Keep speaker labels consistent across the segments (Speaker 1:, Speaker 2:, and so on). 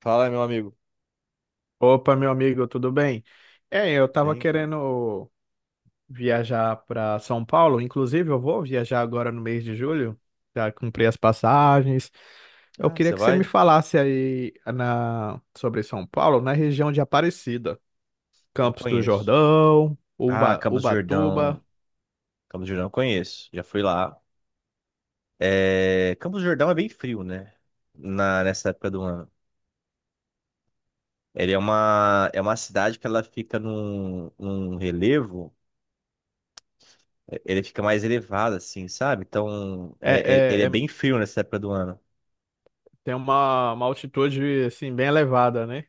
Speaker 1: Fala, meu amigo.
Speaker 2: Opa, meu amigo, tudo bem? Eu
Speaker 1: Tudo
Speaker 2: tava
Speaker 1: bem, cara.
Speaker 2: querendo viajar para São Paulo, inclusive eu vou viajar agora no mês de julho, já comprei as passagens. Eu
Speaker 1: Ah,
Speaker 2: queria
Speaker 1: você
Speaker 2: que você me
Speaker 1: vai?
Speaker 2: falasse sobre São Paulo, na região de Aparecida,
Speaker 1: Não
Speaker 2: Campos do
Speaker 1: conheço.
Speaker 2: Jordão,
Speaker 1: Ah, Campos do
Speaker 2: Ubatuba.
Speaker 1: Jordão. Campos do Jordão eu conheço. Já fui lá. Campos do Jordão é bem frio, né? Nessa época do ano. Ele é uma cidade que ela fica num relevo. Ele fica mais elevado, assim, sabe? Então,
Speaker 2: É,
Speaker 1: ele é
Speaker 2: é, é-
Speaker 1: bem frio nessa época do ano.
Speaker 2: Tem uma altitude assim bem elevada, né?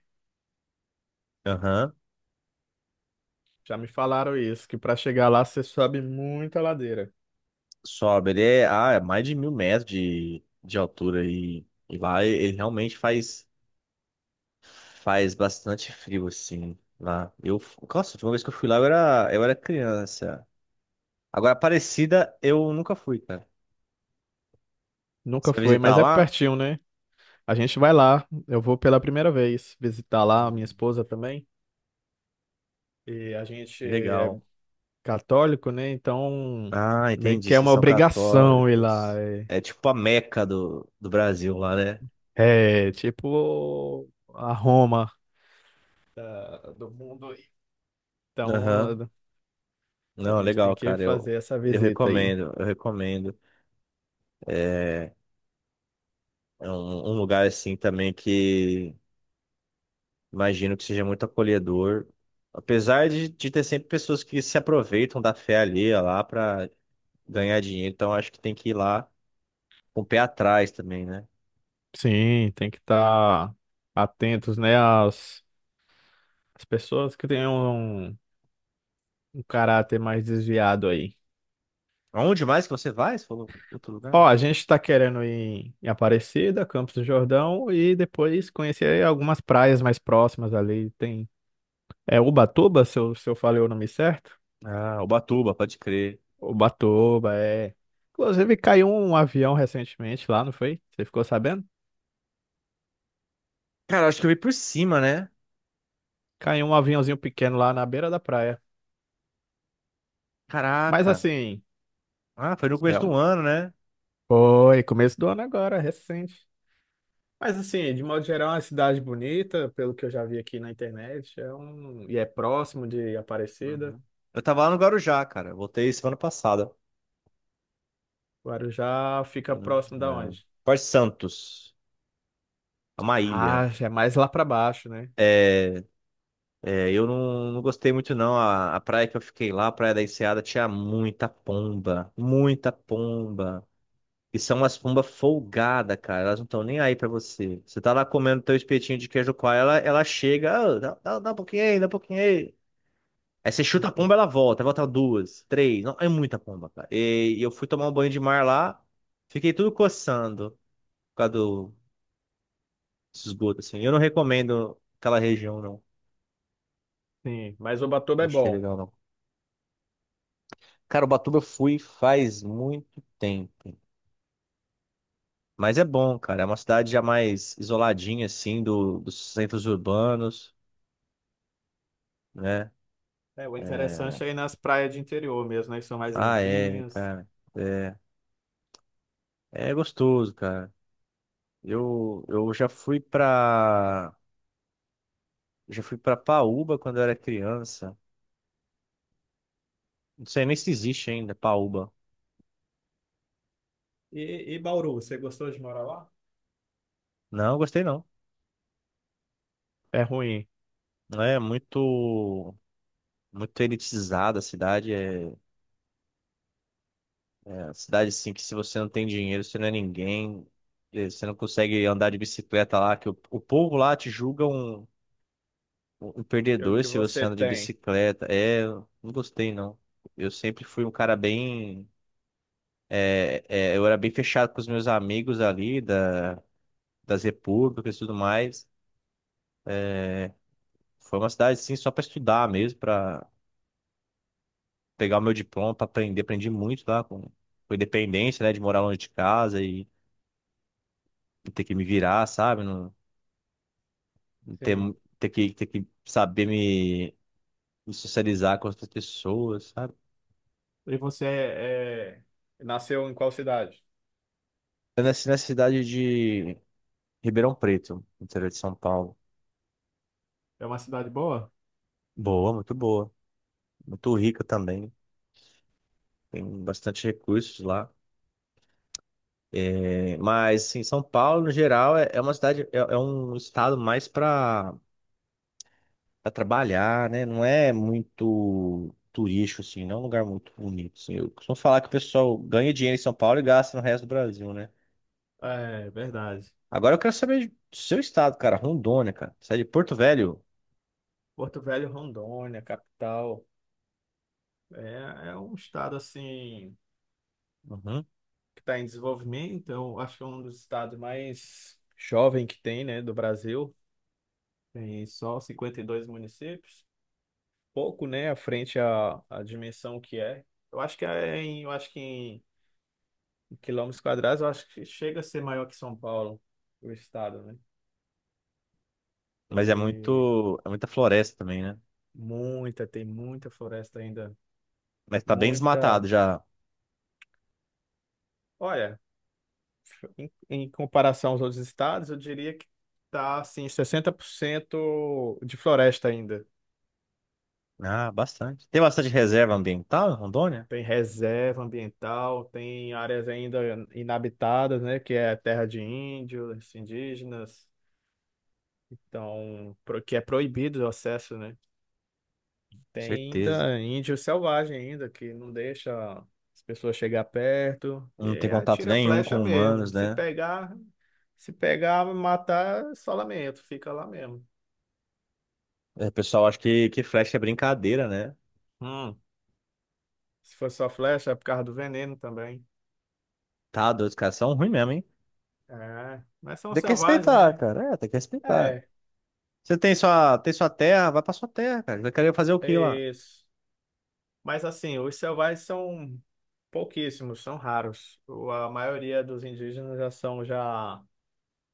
Speaker 1: Aham.
Speaker 2: Já me falaram isso, que para chegar lá você sobe muita ladeira.
Speaker 1: Sobe. Ah, é mais de 1.000 metros de altura. E lá ele realmente faz. Faz bastante frio, assim, lá. Eu, nossa, a última vez que eu fui lá eu era criança. Agora, Aparecida, eu nunca fui, cara. Você
Speaker 2: Nunca
Speaker 1: vai
Speaker 2: foi,
Speaker 1: visitar
Speaker 2: mas é
Speaker 1: lá?
Speaker 2: pertinho, né? A gente vai lá, eu vou pela primeira vez visitar lá a minha
Speaker 1: Hum.
Speaker 2: esposa também. E a gente é
Speaker 1: Legal.
Speaker 2: católico, né? Então,
Speaker 1: Ah,
Speaker 2: meio
Speaker 1: entendi.
Speaker 2: que é
Speaker 1: Vocês
Speaker 2: uma
Speaker 1: são
Speaker 2: obrigação ir lá.
Speaker 1: católicos. É tipo a Meca do Brasil lá, né?
Speaker 2: É, é tipo a Roma do mundo.
Speaker 1: Aham.
Speaker 2: Então, a
Speaker 1: Não,
Speaker 2: gente tem
Speaker 1: legal,
Speaker 2: que
Speaker 1: cara. Eu,
Speaker 2: fazer essa
Speaker 1: eu
Speaker 2: visita aí.
Speaker 1: recomendo, eu recomendo. É, é, um lugar, assim, também que imagino que seja muito acolhedor. Apesar de ter sempre pessoas que se aproveitam da fé alheia lá para ganhar dinheiro, então acho que tem que ir lá com o pé atrás também, né?
Speaker 2: Sim, tem que estar atentos, né, às pessoas que tenham um caráter mais desviado aí.
Speaker 1: Aonde mais que você vai? Você falou outro lugar?
Speaker 2: Ó, a gente tá querendo ir em Aparecida, Campos do Jordão e depois conhecer algumas praias mais próximas ali. Tem é Ubatuba, se eu falei o nome certo?
Speaker 1: Ah, Ubatuba, pode crer.
Speaker 2: Ubatuba, é. Inclusive caiu um avião recentemente lá, não foi? Você ficou sabendo?
Speaker 1: Cara, acho que eu vi por cima, né?
Speaker 2: Caiu um aviãozinho pequeno lá na beira da praia. Mas
Speaker 1: Caraca.
Speaker 2: assim,
Speaker 1: Ah, foi no começo
Speaker 2: é um...
Speaker 1: do ano, né?
Speaker 2: foi começo do ano agora, recente. Mas assim, de modo geral, é uma cidade bonita, pelo que eu já vi aqui na internet. E é próximo de Aparecida.
Speaker 1: Uhum. Eu tava lá no Guarujá, cara. Eu voltei semana passada.
Speaker 2: Guarujá fica
Speaker 1: Uhum.
Speaker 2: próximo da
Speaker 1: É.
Speaker 2: onde?
Speaker 1: Porto Santos. É uma ilha.
Speaker 2: Ah, já é mais lá para baixo, né?
Speaker 1: É, É, eu não, não gostei muito não. A praia que eu fiquei lá, a Praia da Enseada, tinha muita pomba, muita pomba. E são umas pombas folgadas, cara. Elas não estão nem aí pra você. Você tá lá comendo teu espetinho de queijo coalho, ela chega: "Ah, dá um pouquinho aí, dá um pouquinho aí." Aí você chuta a
Speaker 2: Uhum.
Speaker 1: pomba, ela volta, volta duas, três. Não, é muita pomba, cara. E eu fui tomar um banho de mar lá, fiquei tudo coçando por causa do esgoto, assim. Eu não recomendo aquela região, não.
Speaker 2: Sim, mas Ubatuba
Speaker 1: Não
Speaker 2: é
Speaker 1: achei
Speaker 2: bom.
Speaker 1: legal, não. Cara, Ubatuba eu fui faz muito tempo. Mas é bom, cara. É uma cidade já mais isoladinha, assim, dos centros urbanos, né?
Speaker 2: É, o
Speaker 1: É...
Speaker 2: interessante é ir nas praias de interior mesmo, né? Que são mais
Speaker 1: Ah, é,
Speaker 2: limpinhas.
Speaker 1: cara. É, é, gostoso, cara. Eu já fui pra. Já fui pra Paúba quando eu era criança. Não sei nem se existe ainda, Paúba.
Speaker 2: E Bauru, você gostou de morar lá?
Speaker 1: Não, gostei não.
Speaker 2: É ruim.
Speaker 1: É muito. Muito elitizada a cidade. Cidade assim que se você não tem dinheiro, você não é ninguém, você não consegue andar de bicicleta lá, que o povo lá te julga um
Speaker 2: Pelo
Speaker 1: perdedor
Speaker 2: que
Speaker 1: se você
Speaker 2: você
Speaker 1: anda de
Speaker 2: tem.
Speaker 1: bicicleta. É, eu não gostei não. Eu sempre fui um cara bem, eu era bem fechado com os meus amigos ali das repúblicas e tudo mais. Foi uma cidade assim só para estudar mesmo, para pegar o meu diploma, para aprender, aprendi muito lá com independência, né, de morar longe de casa e ter que me virar, sabe? ter, mu-
Speaker 2: Sim.
Speaker 1: ter que, ter que saber me socializar com outras pessoas, sabe?
Speaker 2: E você é... é, nasceu em qual cidade?
Speaker 1: Eu nasci na cidade de Ribeirão Preto, no interior de São Paulo.
Speaker 2: É uma cidade boa?
Speaker 1: Boa. Muito rica também. Tem bastante recursos lá. É, mas, assim, São Paulo, no geral, é um estado mais para trabalhar, né? Não é muito turístico, assim, não é um lugar muito bonito, assim. Eu costumo falar que o pessoal ganha dinheiro em São Paulo e gasta no resto do Brasil, né?
Speaker 2: É, verdade.
Speaker 1: Agora eu quero saber do seu estado, cara, Rondônia, cara. Sai de Porto Velho?
Speaker 2: Porto Velho, Rondônia, capital. É um estado assim
Speaker 1: Uhum.
Speaker 2: que está em desenvolvimento. Eu acho que é um dos estados mais jovem que tem, né, do Brasil. Tem só 52 municípios. Pouco, né, à frente à dimensão que é. Eu acho que em quilômetros quadrados, eu acho que chega a ser maior que São Paulo, o estado, né?
Speaker 1: Mas é
Speaker 2: E
Speaker 1: muito, é muita floresta também, né?
Speaker 2: muita, tem muita floresta ainda,
Speaker 1: Mas tá bem
Speaker 2: muita.
Speaker 1: desmatado já.
Speaker 2: Olha, em comparação aos outros estados, eu diria que está assim, 60% de floresta ainda.
Speaker 1: Ah, bastante. Tem bastante reserva ambiental em Rondônia?
Speaker 2: Tem reserva ambiental, tem áreas ainda inabitadas, né, que é terra de índios, indígenas, então, que é proibido o acesso, né?
Speaker 1: Com
Speaker 2: Tem
Speaker 1: certeza.
Speaker 2: ainda índio selvagem ainda que não deixa as pessoas chegar perto, e
Speaker 1: Não tem
Speaker 2: aí
Speaker 1: contato
Speaker 2: atira a
Speaker 1: nenhum
Speaker 2: flecha
Speaker 1: com humanos,
Speaker 2: mesmo.
Speaker 1: né?
Speaker 2: Se pegar, matar, é só lamento, fica lá mesmo.
Speaker 1: É, o pessoal acha que flecha é brincadeira, né?
Speaker 2: Hum. Se for só flecha, é por causa do veneno também.
Speaker 1: Tá doido, os caras são ruins mesmo, hein?
Speaker 2: É, mas são
Speaker 1: Tem que
Speaker 2: selvagens,
Speaker 1: respeitar,
Speaker 2: né?
Speaker 1: cara. É, tem que respeitar.
Speaker 2: É,
Speaker 1: Você tem sua terra, vai pra sua terra, cara. Vai querer fazer o que lá?
Speaker 2: é isso. Mas assim, os selvagens são pouquíssimos, são raros. A maioria dos indígenas já são já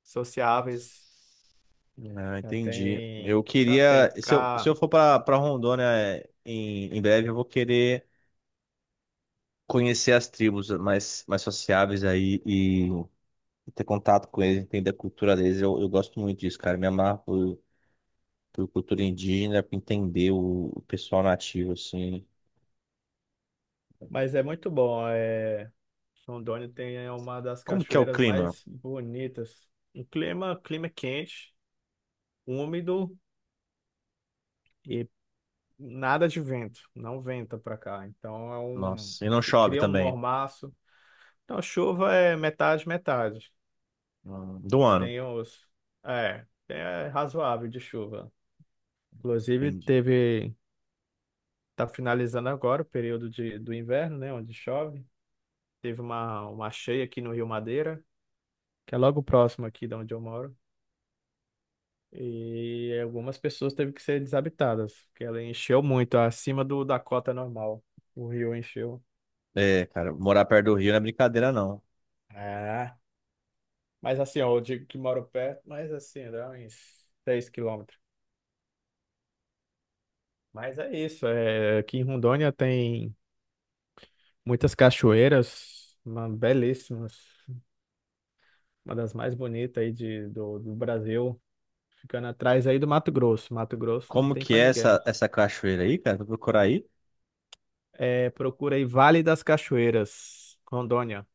Speaker 2: sociáveis,
Speaker 1: Ah, entendi. Eu
Speaker 2: já
Speaker 1: queria,
Speaker 2: tem
Speaker 1: se eu
Speaker 2: cá.
Speaker 1: for para Rondônia em breve, eu vou querer conhecer as tribos mais sociáveis aí e ter contato com eles, entender a cultura deles. Eu gosto muito disso, cara. Me amarro por cultura indígena, por entender o pessoal nativo, assim.
Speaker 2: Mas é muito bom. É, Rondônia tem é uma das
Speaker 1: Como que é o
Speaker 2: cachoeiras
Speaker 1: clima?
Speaker 2: mais bonitas. Clima quente, úmido. e Nada de vento, não venta para cá. Então é um,
Speaker 1: Nossa, e não
Speaker 2: se
Speaker 1: chove
Speaker 2: cria um
Speaker 1: também.
Speaker 2: mormaço. Então chuva é metade, metade.
Speaker 1: Do ano.
Speaker 2: Tem os, é razoável de chuva. Inclusive
Speaker 1: Entendi.
Speaker 2: teve, tá finalizando agora o período do inverno, né, onde chove. Teve uma cheia aqui no Rio Madeira, que é logo próximo aqui de onde eu moro. E algumas pessoas teve que ser desabitadas, porque ela encheu muito, acima do da cota normal. O rio encheu.
Speaker 1: É, cara, morar perto do rio não é brincadeira, não.
Speaker 2: É. Mas assim, ó, eu digo que moro perto, mas assim, dá uns 6 quilômetros. Mas é isso, é, aqui em Rondônia tem muitas cachoeiras, belíssimas, uma das mais bonitas aí de, do Brasil, ficando atrás aí do Mato Grosso. Mato Grosso não
Speaker 1: Como
Speaker 2: tem
Speaker 1: que
Speaker 2: pra
Speaker 1: é
Speaker 2: ninguém.
Speaker 1: essa cachoeira aí, cara? Vou procurar aí.
Speaker 2: É, procura aí Vale das Cachoeiras, Rondônia.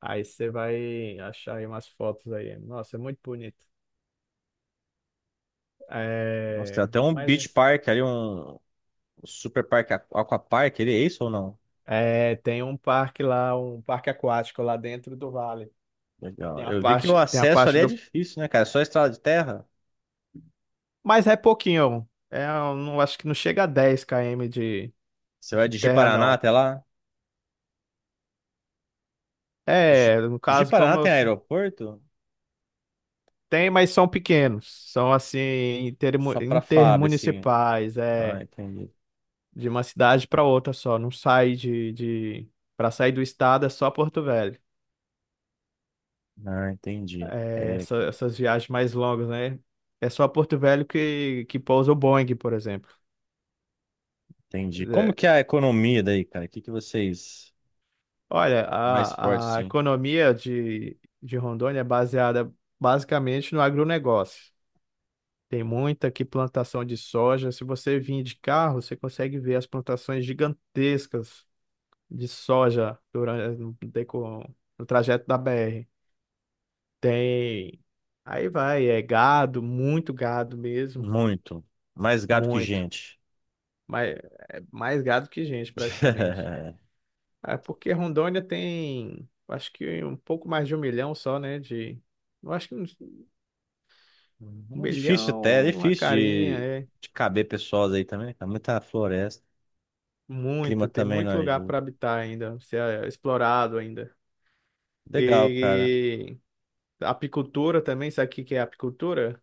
Speaker 2: Aí você vai achar aí umas fotos aí. Nossa, é muito bonito.
Speaker 1: Nossa, tem
Speaker 2: É,
Speaker 1: até um
Speaker 2: mas
Speaker 1: beach park ali, um super parque, aquapark, ele é isso ou não?
Speaker 2: tem um parque lá, um parque aquático lá dentro do vale.
Speaker 1: Legal. Eu vi que o
Speaker 2: Tem a
Speaker 1: acesso ali
Speaker 2: parte
Speaker 1: é
Speaker 2: do.
Speaker 1: difícil, né, cara? É só estrada de terra.
Speaker 2: Mas é pouquinho. É, eu não acho que não chega a 10 km
Speaker 1: Você vai
Speaker 2: de
Speaker 1: de
Speaker 2: terra,
Speaker 1: Ji-Paraná
Speaker 2: não.
Speaker 1: até lá. Ji-
Speaker 2: É, no caso,
Speaker 1: Ji-Paraná
Speaker 2: como eu.
Speaker 1: tem
Speaker 2: Sou-
Speaker 1: aeroporto?
Speaker 2: Tem, mas são pequenos. São assim,
Speaker 1: Só pra FAB, assim.
Speaker 2: intermunicipais.
Speaker 1: Ah,
Speaker 2: É
Speaker 1: entendi.
Speaker 2: de uma cidade para outra só. Não sai de... Para sair do estado é só Porto Velho.
Speaker 1: Ah, entendi. É, cara.
Speaker 2: Essas viagens mais longas, né? É só Porto Velho que pousa o Boeing, por exemplo.
Speaker 1: Entendi. Como
Speaker 2: É,
Speaker 1: que é a economia daí, cara? O que que vocês...
Speaker 2: Olha,
Speaker 1: Mais forte,
Speaker 2: a
Speaker 1: sim.
Speaker 2: economia de Rondônia é baseada basicamente no agronegócio. Tem muita aqui plantação de soja. Se você vir de carro, você consegue ver as plantações gigantescas de soja durante no, deco- no trajeto da BR. Tem. Aí vai, é gado, muito gado mesmo,
Speaker 1: Muito. Mais gato que
Speaker 2: muito.
Speaker 1: gente.
Speaker 2: Mas é mais gado que gente, praticamente. É porque Rondônia tem, acho que um pouco mais de 1 milhão só, né? De, eu acho que uns- um
Speaker 1: É difícil até, é
Speaker 2: milhão, uma
Speaker 1: difícil
Speaker 2: carinha,
Speaker 1: de,
Speaker 2: é
Speaker 1: de caber pessoas aí também. Tá muita floresta, clima
Speaker 2: muito. Tem
Speaker 1: também não
Speaker 2: muito lugar
Speaker 1: ajuda.
Speaker 2: para habitar ainda, ser explorado ainda.
Speaker 1: Legal, cara.
Speaker 2: E apicultura também, sabe o que que é apicultura?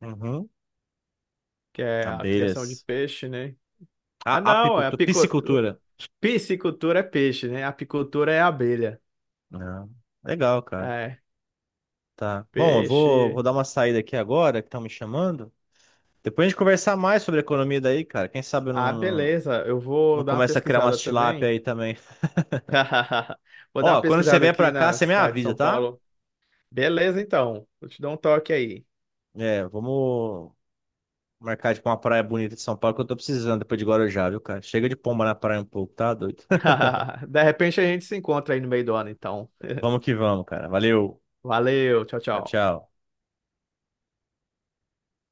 Speaker 1: Uhum.
Speaker 2: Que é a criação de
Speaker 1: Abelhas.
Speaker 2: peixe, né?
Speaker 1: A
Speaker 2: Ah, não, é
Speaker 1: apicultura,
Speaker 2: apicultura.
Speaker 1: piscicultura.
Speaker 2: Piscicultura é peixe, né? Apicultura é abelha.
Speaker 1: Ah, legal, cara.
Speaker 2: É,
Speaker 1: Tá. Bom, eu vou
Speaker 2: peixe.
Speaker 1: dar uma saída aqui agora, que estão me chamando. Depois a gente conversar mais sobre a economia daí, cara. Quem sabe eu
Speaker 2: Ah,
Speaker 1: não,
Speaker 2: beleza. Eu vou
Speaker 1: não
Speaker 2: dar uma
Speaker 1: começa a criar
Speaker 2: pesquisada
Speaker 1: umas tilápia
Speaker 2: também.
Speaker 1: aí também.
Speaker 2: Vou dar uma
Speaker 1: Ó, quando você
Speaker 2: pesquisada
Speaker 1: vier pra
Speaker 2: aqui
Speaker 1: cá,
Speaker 2: na
Speaker 1: você me
Speaker 2: cidade de
Speaker 1: avisa,
Speaker 2: São
Speaker 1: tá?
Speaker 2: Paulo. Beleza, então. Vou te dar um toque aí.
Speaker 1: É, vamos, marcar, tipo, uma praia bonita de São Paulo que eu tô precisando depois de Guarujá, viu, cara? Chega de pomba na praia um pouco, tá doido?
Speaker 2: De repente a gente se encontra aí no meio do ano, então.
Speaker 1: Vamos que vamos, cara. Valeu.
Speaker 2: Valeu, tchau,
Speaker 1: Tchau,
Speaker 2: tchau.
Speaker 1: tchau.